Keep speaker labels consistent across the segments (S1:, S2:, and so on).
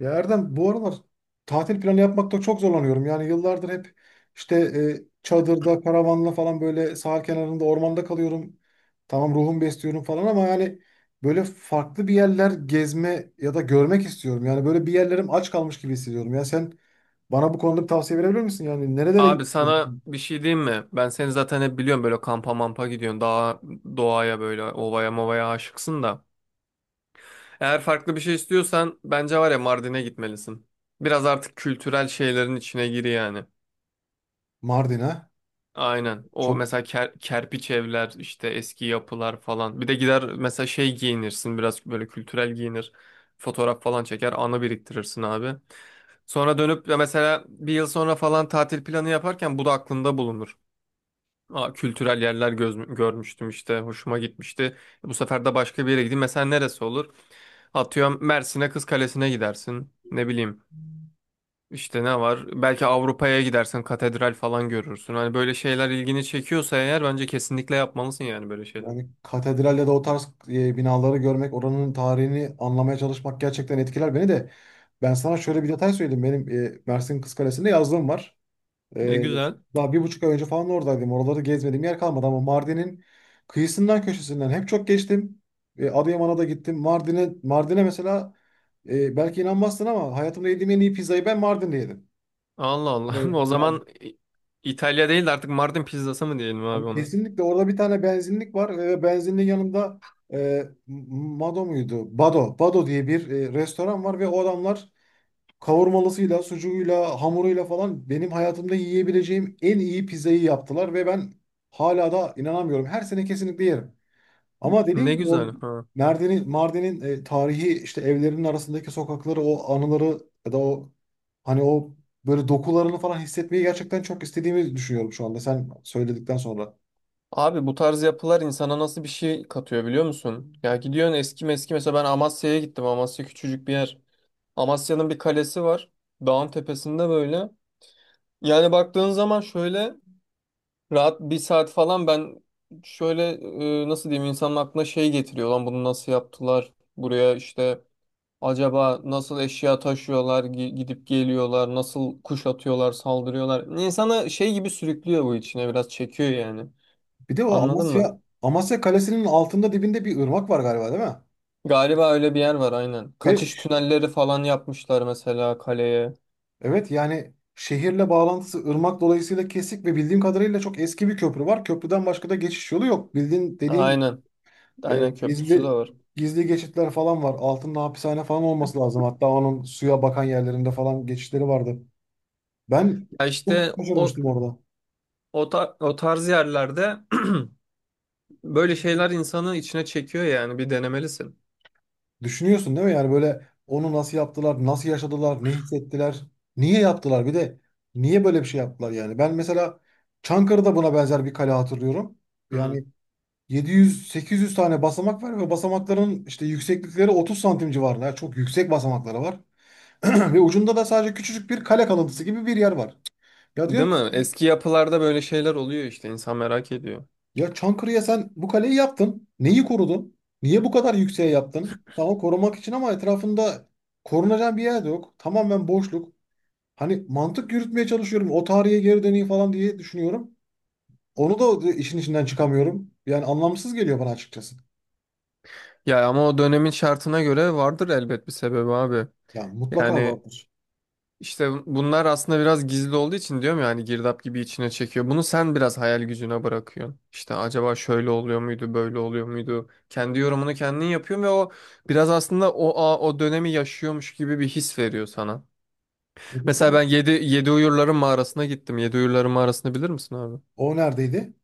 S1: Ya Erdem bu aralar tatil planı yapmakta çok zorlanıyorum. Yani yıllardır hep işte çadırda, karavanla falan böyle sahil kenarında, ormanda kalıyorum. Tamam, ruhumu besliyorum falan ama yani böyle farklı bir yerler gezme ya da görmek istiyorum. Yani böyle bir yerlerim aç kalmış gibi hissediyorum. Ya sen bana bu konuda bir tavsiye verebilir misin? Yani nerelere
S2: Abi
S1: gitmek
S2: sana
S1: istiyorsun?
S2: bir şey diyeyim mi? Ben seni zaten hep biliyorum böyle kampa mampa gidiyorsun. Daha doğaya böyle ovaya movaya aşıksın da. Eğer farklı bir şey istiyorsan bence var ya Mardin'e gitmelisin. Biraz artık kültürel şeylerin içine gir yani.
S1: Mardin'e.
S2: Aynen. O
S1: Çok.
S2: mesela kerpiç evler işte eski yapılar falan. Bir de gider mesela şey giyinirsin biraz böyle kültürel giyinir. Fotoğraf falan çeker anı biriktirirsin abi. Sonra dönüp ya mesela bir yıl sonra falan tatil planı yaparken bu da aklında bulunur. Aa, kültürel yerler görmüştüm işte. Hoşuma gitmişti. Bu sefer de başka bir yere gideyim. Mesela neresi olur? Atıyorum Mersin'e Kız Kalesi'ne gidersin. Ne bileyim. İşte ne var? Belki Avrupa'ya gidersin. Katedral falan görürsün. Hani böyle şeyler ilgini çekiyorsa eğer bence kesinlikle yapmalısın yani böyle şeyler.
S1: Yani katedralde de o tarz binaları görmek, oranın tarihini anlamaya çalışmak gerçekten etkiler beni de. Ben sana şöyle bir detay söyleyeyim. Benim Mersin Kız Kalesi'nde yazlığım var.
S2: Ne
S1: E,
S2: güzel.
S1: Daha 1,5 ay önce falan oradaydım. Oraları gezmediğim yer kalmadı ama Mardin'in kıyısından köşesinden hep çok geçtim. Adıyaman'a da gittim. Mardin'e mesela belki inanmazsın ama hayatımda yediğim en iyi pizzayı ben Mardin'de yedim.
S2: Allah Allah.
S1: E,
S2: O
S1: yani
S2: zaman İtalya değil de artık Mardin pizzası mı diyelim abi
S1: Abi,
S2: ona?
S1: kesinlikle orada bir tane benzinlik var ve benzinliğin yanında Mado muydu? Bado. Bado diye bir restoran var ve o adamlar kavurmalısıyla, sucuğuyla, hamuruyla falan benim hayatımda yiyebileceğim en iyi pizzayı yaptılar ve ben hala da inanamıyorum. Her sene kesinlikle yerim. Ama dediğim
S2: Ne
S1: gibi o
S2: güzel. Ha.
S1: Mardin'in tarihi işte evlerinin arasındaki sokakları, o anıları ya da o hani o böyle dokularını falan hissetmeyi gerçekten çok istediğimi düşünüyorum şu anda sen söyledikten sonra.
S2: Abi bu tarz yapılar insana nasıl bir şey katıyor biliyor musun? Ya gidiyorsun eski meski mesela ben Amasya'ya gittim. Amasya küçücük bir yer. Amasya'nın bir kalesi var. Dağın tepesinde böyle. Yani baktığın zaman şöyle rahat bir saat falan ben şöyle nasıl diyeyim insanın aklına şey getiriyor. Lan bunu nasıl yaptılar? Buraya işte acaba nasıl eşya taşıyorlar, gidip geliyorlar, nasıl kuşatıyorlar, saldırıyorlar. İnsana şey gibi sürüklüyor bu içine biraz çekiyor yani.
S1: Bir de o
S2: Anladın mı?
S1: Amasya Kalesi'nin altında, dibinde bir ırmak var galiba, değil mi?
S2: Galiba öyle bir yer var aynen.
S1: Ve
S2: Kaçış
S1: ş-
S2: tünelleri falan yapmışlar mesela kaleye.
S1: evet, yani şehirle bağlantısı ırmak dolayısıyla kesik ve bildiğim kadarıyla çok eski bir köprü var. Köprüden başka da geçiş yolu yok. Bildiğin, dediğin gibi
S2: Aynen. Aynen köprüsü de
S1: gizli
S2: var.
S1: gizli geçitler falan var. Altında hapishane falan olması lazım. Hatta onun suya bakan yerlerinde falan geçişleri vardı. Ben
S2: Ya
S1: çok
S2: işte o
S1: şaşırmıştım orada.
S2: o, ta- o tarz yerlerde böyle şeyler insanı içine çekiyor yani bir denemelisin.
S1: Düşünüyorsun, değil mi? Yani böyle onu nasıl yaptılar, nasıl yaşadılar, ne hissettiler, niye yaptılar? Bir de niye böyle bir şey yaptılar yani? Ben mesela Çankırı'da buna benzer bir kale hatırlıyorum.
S2: Hı.
S1: Yani 700-800 tane basamak var ve basamakların işte yükseklikleri 30 santim civarında. Yani çok yüksek basamakları var. Ve ucunda da sadece küçücük bir kale kalıntısı gibi bir yer var. Ya diyorum
S2: Değil
S1: ki,
S2: mi? Eski yapılarda böyle şeyler oluyor işte insan merak ediyor.
S1: ya Çankırı'ya sen bu kaleyi yaptın. Neyi korudun? Niye bu kadar yükseğe yaptın? Tamam, korumak için ama etrafında korunacak bir yer de yok. Tamamen boşluk. Hani mantık yürütmeye çalışıyorum. O tarihe geri döneyim falan diye düşünüyorum. Onu da işin içinden çıkamıyorum. Yani anlamsız geliyor bana açıkçası.
S2: Ya ama o dönemin şartına göre vardır elbet bir sebebi abi.
S1: Yani mutlaka
S2: Yani
S1: vardır.
S2: İşte bunlar aslında biraz gizli olduğu için diyorum ya hani girdap gibi içine çekiyor. Bunu sen biraz hayal gücüne bırakıyorsun. İşte acaba şöyle oluyor muydu, böyle oluyor muydu? Kendi yorumunu kendin yapıyorsun ve o biraz aslında o dönemi yaşıyormuş gibi bir his veriyor sana.
S1: Peki
S2: Mesela
S1: sen,
S2: ben Yedi Uyurların Mağarası'na gittim. Yedi Uyurların Mağarası'nı bilir misin abi?
S1: o neredeydi?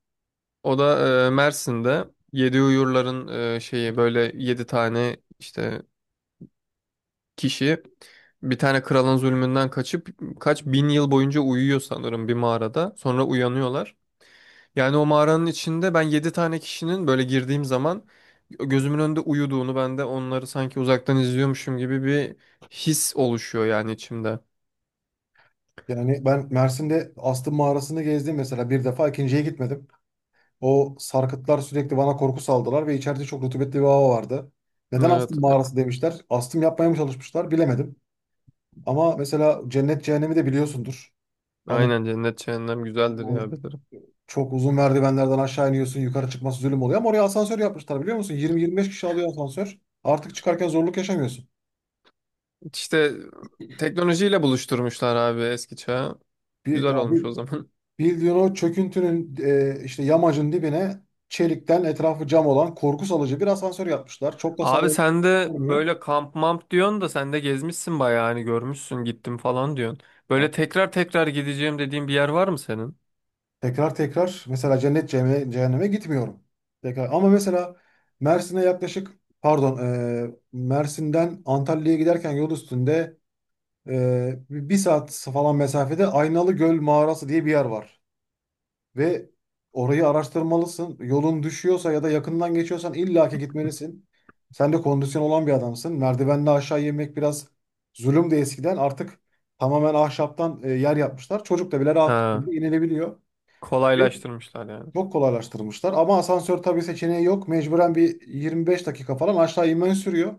S2: O da Mersin'de Yedi Uyurların şeyi böyle yedi tane işte kişi bir tane kralın zulmünden kaçıp kaç bin yıl boyunca uyuyor sanırım bir mağarada. Sonra uyanıyorlar. Yani o mağaranın içinde ben 7 tane kişinin böyle girdiğim zaman gözümün önünde uyuduğunu ben de onları sanki uzaktan izliyormuşum gibi bir his oluşuyor yani içimde.
S1: Yani ben Mersin'de Astım Mağarası'nı gezdim mesela, bir defa, ikinciye gitmedim. O sarkıtlar sürekli bana korku saldılar ve içeride çok rutubetli bir hava vardı. Neden
S2: Evet.
S1: astım mağarası demişler? Astım yapmaya mı çalışmışlar, bilemedim. Ama mesela cennet cehennemi de biliyorsundur. Hani
S2: Aynen cennet cehennem güzeldir
S1: yani
S2: ya bilirim.
S1: çok uzun merdivenlerden aşağı iniyorsun, yukarı çıkması zulüm oluyor ama oraya asansör yapmışlar, biliyor musun? 20-25 kişi alıyor asansör. Artık çıkarken zorluk yaşamıyorsun.
S2: İşte teknolojiyle buluşturmuşlar abi eski çağı.
S1: Bir,
S2: Güzel
S1: ya
S2: olmuş
S1: bir,
S2: o zaman.
S1: Bildiğin o çöküntünün işte yamacın dibine çelikten, etrafı cam olan, korku salıcı bir asansör yapmışlar. Çok da
S2: Abi
S1: sağlam
S2: sen de
S1: olmuyor.
S2: böyle kamp mamp diyorsun da sen de gezmişsin bayağı hani görmüşsün gittim falan diyorsun. Böyle tekrar tekrar gideceğim dediğin bir yer var mı senin?
S1: Tekrar tekrar mesela cennet cehenneme, gitmiyorum. Tekrar. Ama mesela Mersin'e yaklaşık, pardon, Mersin'den Antalya'ya giderken yol üstünde bir saat falan mesafede Aynalı Göl Mağarası diye bir yer var. Ve orayı araştırmalısın. Yolun düşüyorsa ya da yakından geçiyorsan illaki gitmelisin. Sen de kondisyon olan bir adamsın. Merdivenden aşağı yemek biraz zulümdü eskiden. Artık tamamen ahşaptan yer yapmışlar. Çocuk da bile rahat bir
S2: Ha,
S1: şekilde inilebiliyor.
S2: kolaylaştırmışlar yani.
S1: Çok kolaylaştırmışlar ama asansör tabii seçeneği yok. Mecburen bir 25 dakika falan aşağı inmen sürüyor.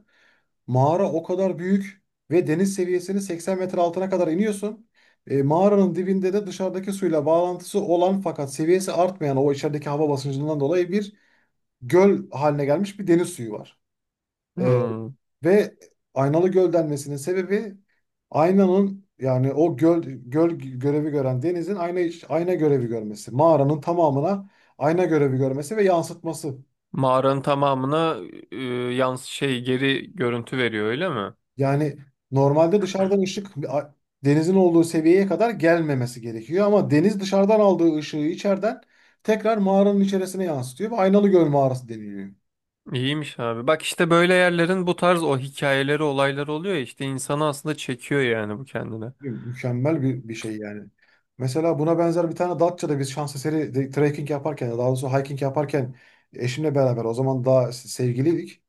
S1: Mağara o kadar büyük ve deniz seviyesinin 80 metre altına kadar iniyorsun. Mağaranın dibinde de dışarıdaki suyla bağlantısı olan fakat seviyesi artmayan, o içerideki hava basıncından dolayı bir göl haline gelmiş bir deniz suyu var. E,
S2: Hmm.
S1: ve aynalı göl denmesinin sebebi, aynanın yani o göl görevi gören denizin ayna görevi görmesi. Mağaranın tamamına ayna görevi görmesi ve yansıtması.
S2: Mağaranın tamamına e, yans şey geri görüntü veriyor öyle mi?
S1: Yani normalde dışarıdan ışık, denizin olduğu seviyeye kadar gelmemesi gerekiyor. Ama deniz dışarıdan aldığı ışığı içeriden tekrar mağaranın içerisine yansıtıyor ve aynalı göl mağarası deniliyor.
S2: İyiymiş abi. Bak işte böyle yerlerin bu tarz o hikayeleri olayları oluyor ya işte insanı aslında çekiyor yani bu kendine.
S1: Mükemmel bir şey yani. Mesela buna benzer bir tane Datça'da biz şans eseri trekking yaparken, daha doğrusu hiking yaparken, eşimle beraber, o zaman daha sevgiliydik.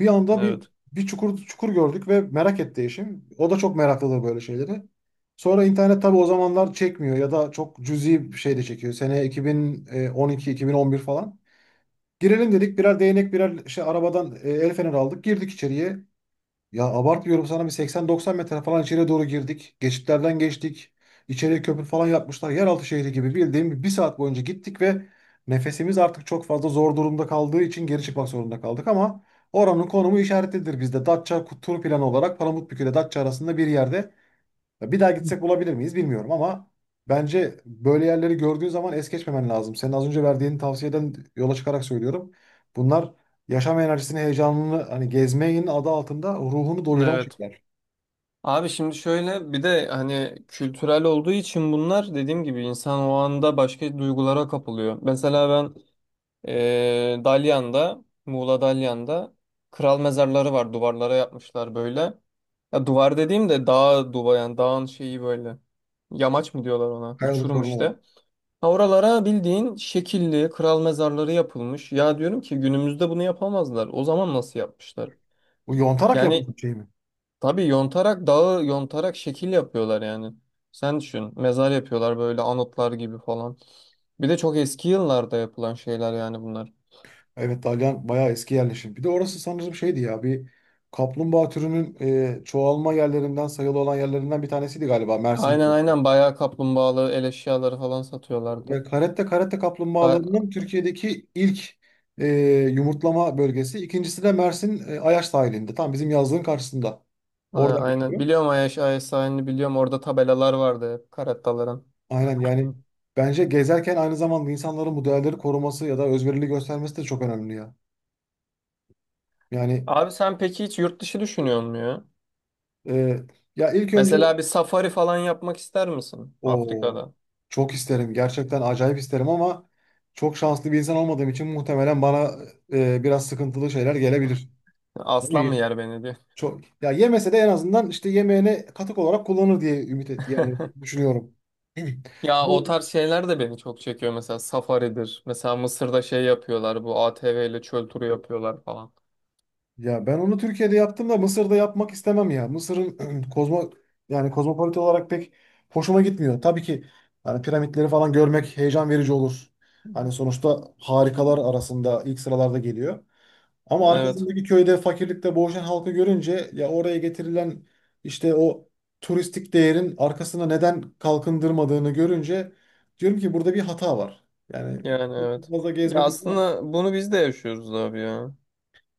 S1: Bir anda bir
S2: Evet.
S1: bir çukur çukur gördük ve merak etti eşim. O da çok meraklıdır böyle şeyleri. Sonra internet tabii o zamanlar çekmiyor ya da çok cüzi bir şey de çekiyor. Sene 2012-2011 falan. Girelim dedik, birer değnek, birer şey arabadan el feneri aldık. Girdik içeriye. Ya abartmıyorum sana, bir 80-90 metre falan içeriye doğru girdik. Geçitlerden geçtik. İçeriye köprü falan yapmışlar. Yeraltı şehri gibi, bildiğim bir saat boyunca gittik ve nefesimiz artık çok fazla zor durumda kaldığı için geri çıkmak zorunda kaldık ama oranın konumu işaretlidir bizde. Datça tur planı olarak Palamutbükü ile Datça arasında bir yerde. Ya bir daha gitsek bulabilir miyiz bilmiyorum ama bence böyle yerleri gördüğün zaman es geçmemen lazım. Senin az önce verdiğin tavsiyeden yola çıkarak söylüyorum. Bunlar yaşam enerjisini, heyecanını, hani gezmeyin adı altında ruhunu doyuran
S2: Evet.
S1: şeyler.
S2: Abi şimdi şöyle bir de hani kültürel olduğu için bunlar dediğim gibi insan o anda başka duygulara kapılıyor. Mesela ben Dalyan'da, Muğla Dalyan'da kral mezarları var duvarlara yapmışlar böyle. Ya duvar dediğim de dağ duvar yani dağın şeyi böyle. Yamaç mı diyorlar ona? Uçurum
S1: Kayalıklar olan.
S2: işte. Ha oralara bildiğin şekilli kral mezarları yapılmış. Ya diyorum ki günümüzde bunu yapamazlar. O zaman nasıl yapmışlar?
S1: Bu yontarak
S2: Yani
S1: yapılan bir şey mi?
S2: tabii yontarak dağı yontarak şekil yapıyorlar yani. Sen düşün. Mezar yapıyorlar böyle anıtlar gibi falan. Bir de çok eski yıllarda yapılan şeyler yani bunlar.
S1: Evet, Dalyan bayağı eski yerleşim. Bir de orası sanırım şeydi ya, bir kaplumbağa türünün çoğalma yerlerinden sayılı olan yerlerinden bir tanesiydi galiba, Mersin'de.
S2: Aynen aynen bayağı kaplumbağalı el eşyaları falan
S1: Ve
S2: satıyorlardı.
S1: karette
S2: A
S1: kaplumbağalarının Türkiye'deki ilk e, yumurtlama bölgesi. İkincisi de Mersin Ayaş sahilinde. Tam bizim yazlığın karşısında. Oradan
S2: aynen
S1: geliyorum.
S2: biliyorum Ayaş Ayaş sahilini biliyorum orada tabelalar vardı hep karataların.
S1: Aynen yani bence gezerken aynı zamanda insanların bu değerleri koruması ya da özverili göstermesi de çok önemli ya. Yani
S2: Abi sen peki hiç yurt dışı düşünüyor musun ya?
S1: e, ya ilk önce
S2: Mesela bir safari falan yapmak ister misin
S1: o
S2: Afrika'da?
S1: çok isterim. Gerçekten acayip isterim ama çok şanslı bir insan olmadığım için muhtemelen bana biraz sıkıntılı şeyler gelebilir. Değil
S2: Aslan mı
S1: mi?
S2: yer beni diyor.
S1: Çok, ya yemese de en azından işte yemeğine katık olarak kullanır diye ümit et, yani düşünüyorum.
S2: Ya
S1: Ama
S2: o tarz şeyler de beni çok çekiyor. Mesela safaridir. Mesela Mısır'da şey yapıyorlar. Bu ATV ile çöl turu yapıyorlar falan.
S1: Ya ben onu Türkiye'de yaptım da Mısır'da yapmak istemem ya. Mısır'ın yani kozmopolit olarak pek hoşuma gitmiyor. Tabii ki yani piramitleri falan görmek heyecan verici olur. Hani sonuçta harikalar arasında ilk sıralarda geliyor. Ama
S2: Evet.
S1: arkasındaki köyde fakirlikte boğuşan halkı görünce, ya oraya getirilen işte o turistik değerin arkasına neden kalkındırmadığını görünce, diyorum ki burada bir hata var. Yani
S2: Yani
S1: çok
S2: evet.
S1: fazla
S2: Ya
S1: gezmek.
S2: aslında bunu biz de yaşıyoruz abi ya.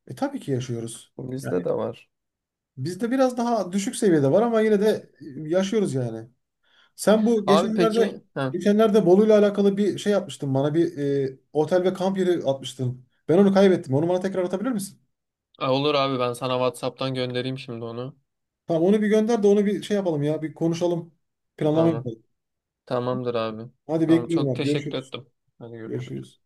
S1: Tabii ki yaşıyoruz.
S2: Bu bizde
S1: Yani
S2: de var.
S1: bizde biraz daha düşük seviyede var ama yine de yaşıyoruz yani. Sen bu
S2: Abi
S1: geçenlerde
S2: peki. Heh.
S1: geçenlerde Bolu'yla alakalı bir şey yapmıştın, bana bir otel ve kamp yeri atmıştın. Ben onu kaybettim. Onu bana tekrar atabilir misin?
S2: Olur abi ben sana WhatsApp'tan göndereyim şimdi onu.
S1: Tamam, onu bir gönder de onu bir şey yapalım ya. Bir konuşalım. Planlama
S2: Tamam.
S1: yapalım.
S2: Tamamdır abi.
S1: Hadi,
S2: Tamam
S1: bekliyorum
S2: çok
S1: abi.
S2: teşekkür
S1: Görüşürüz.
S2: ettim. Hadi görüşürüz.
S1: Görüşürüz.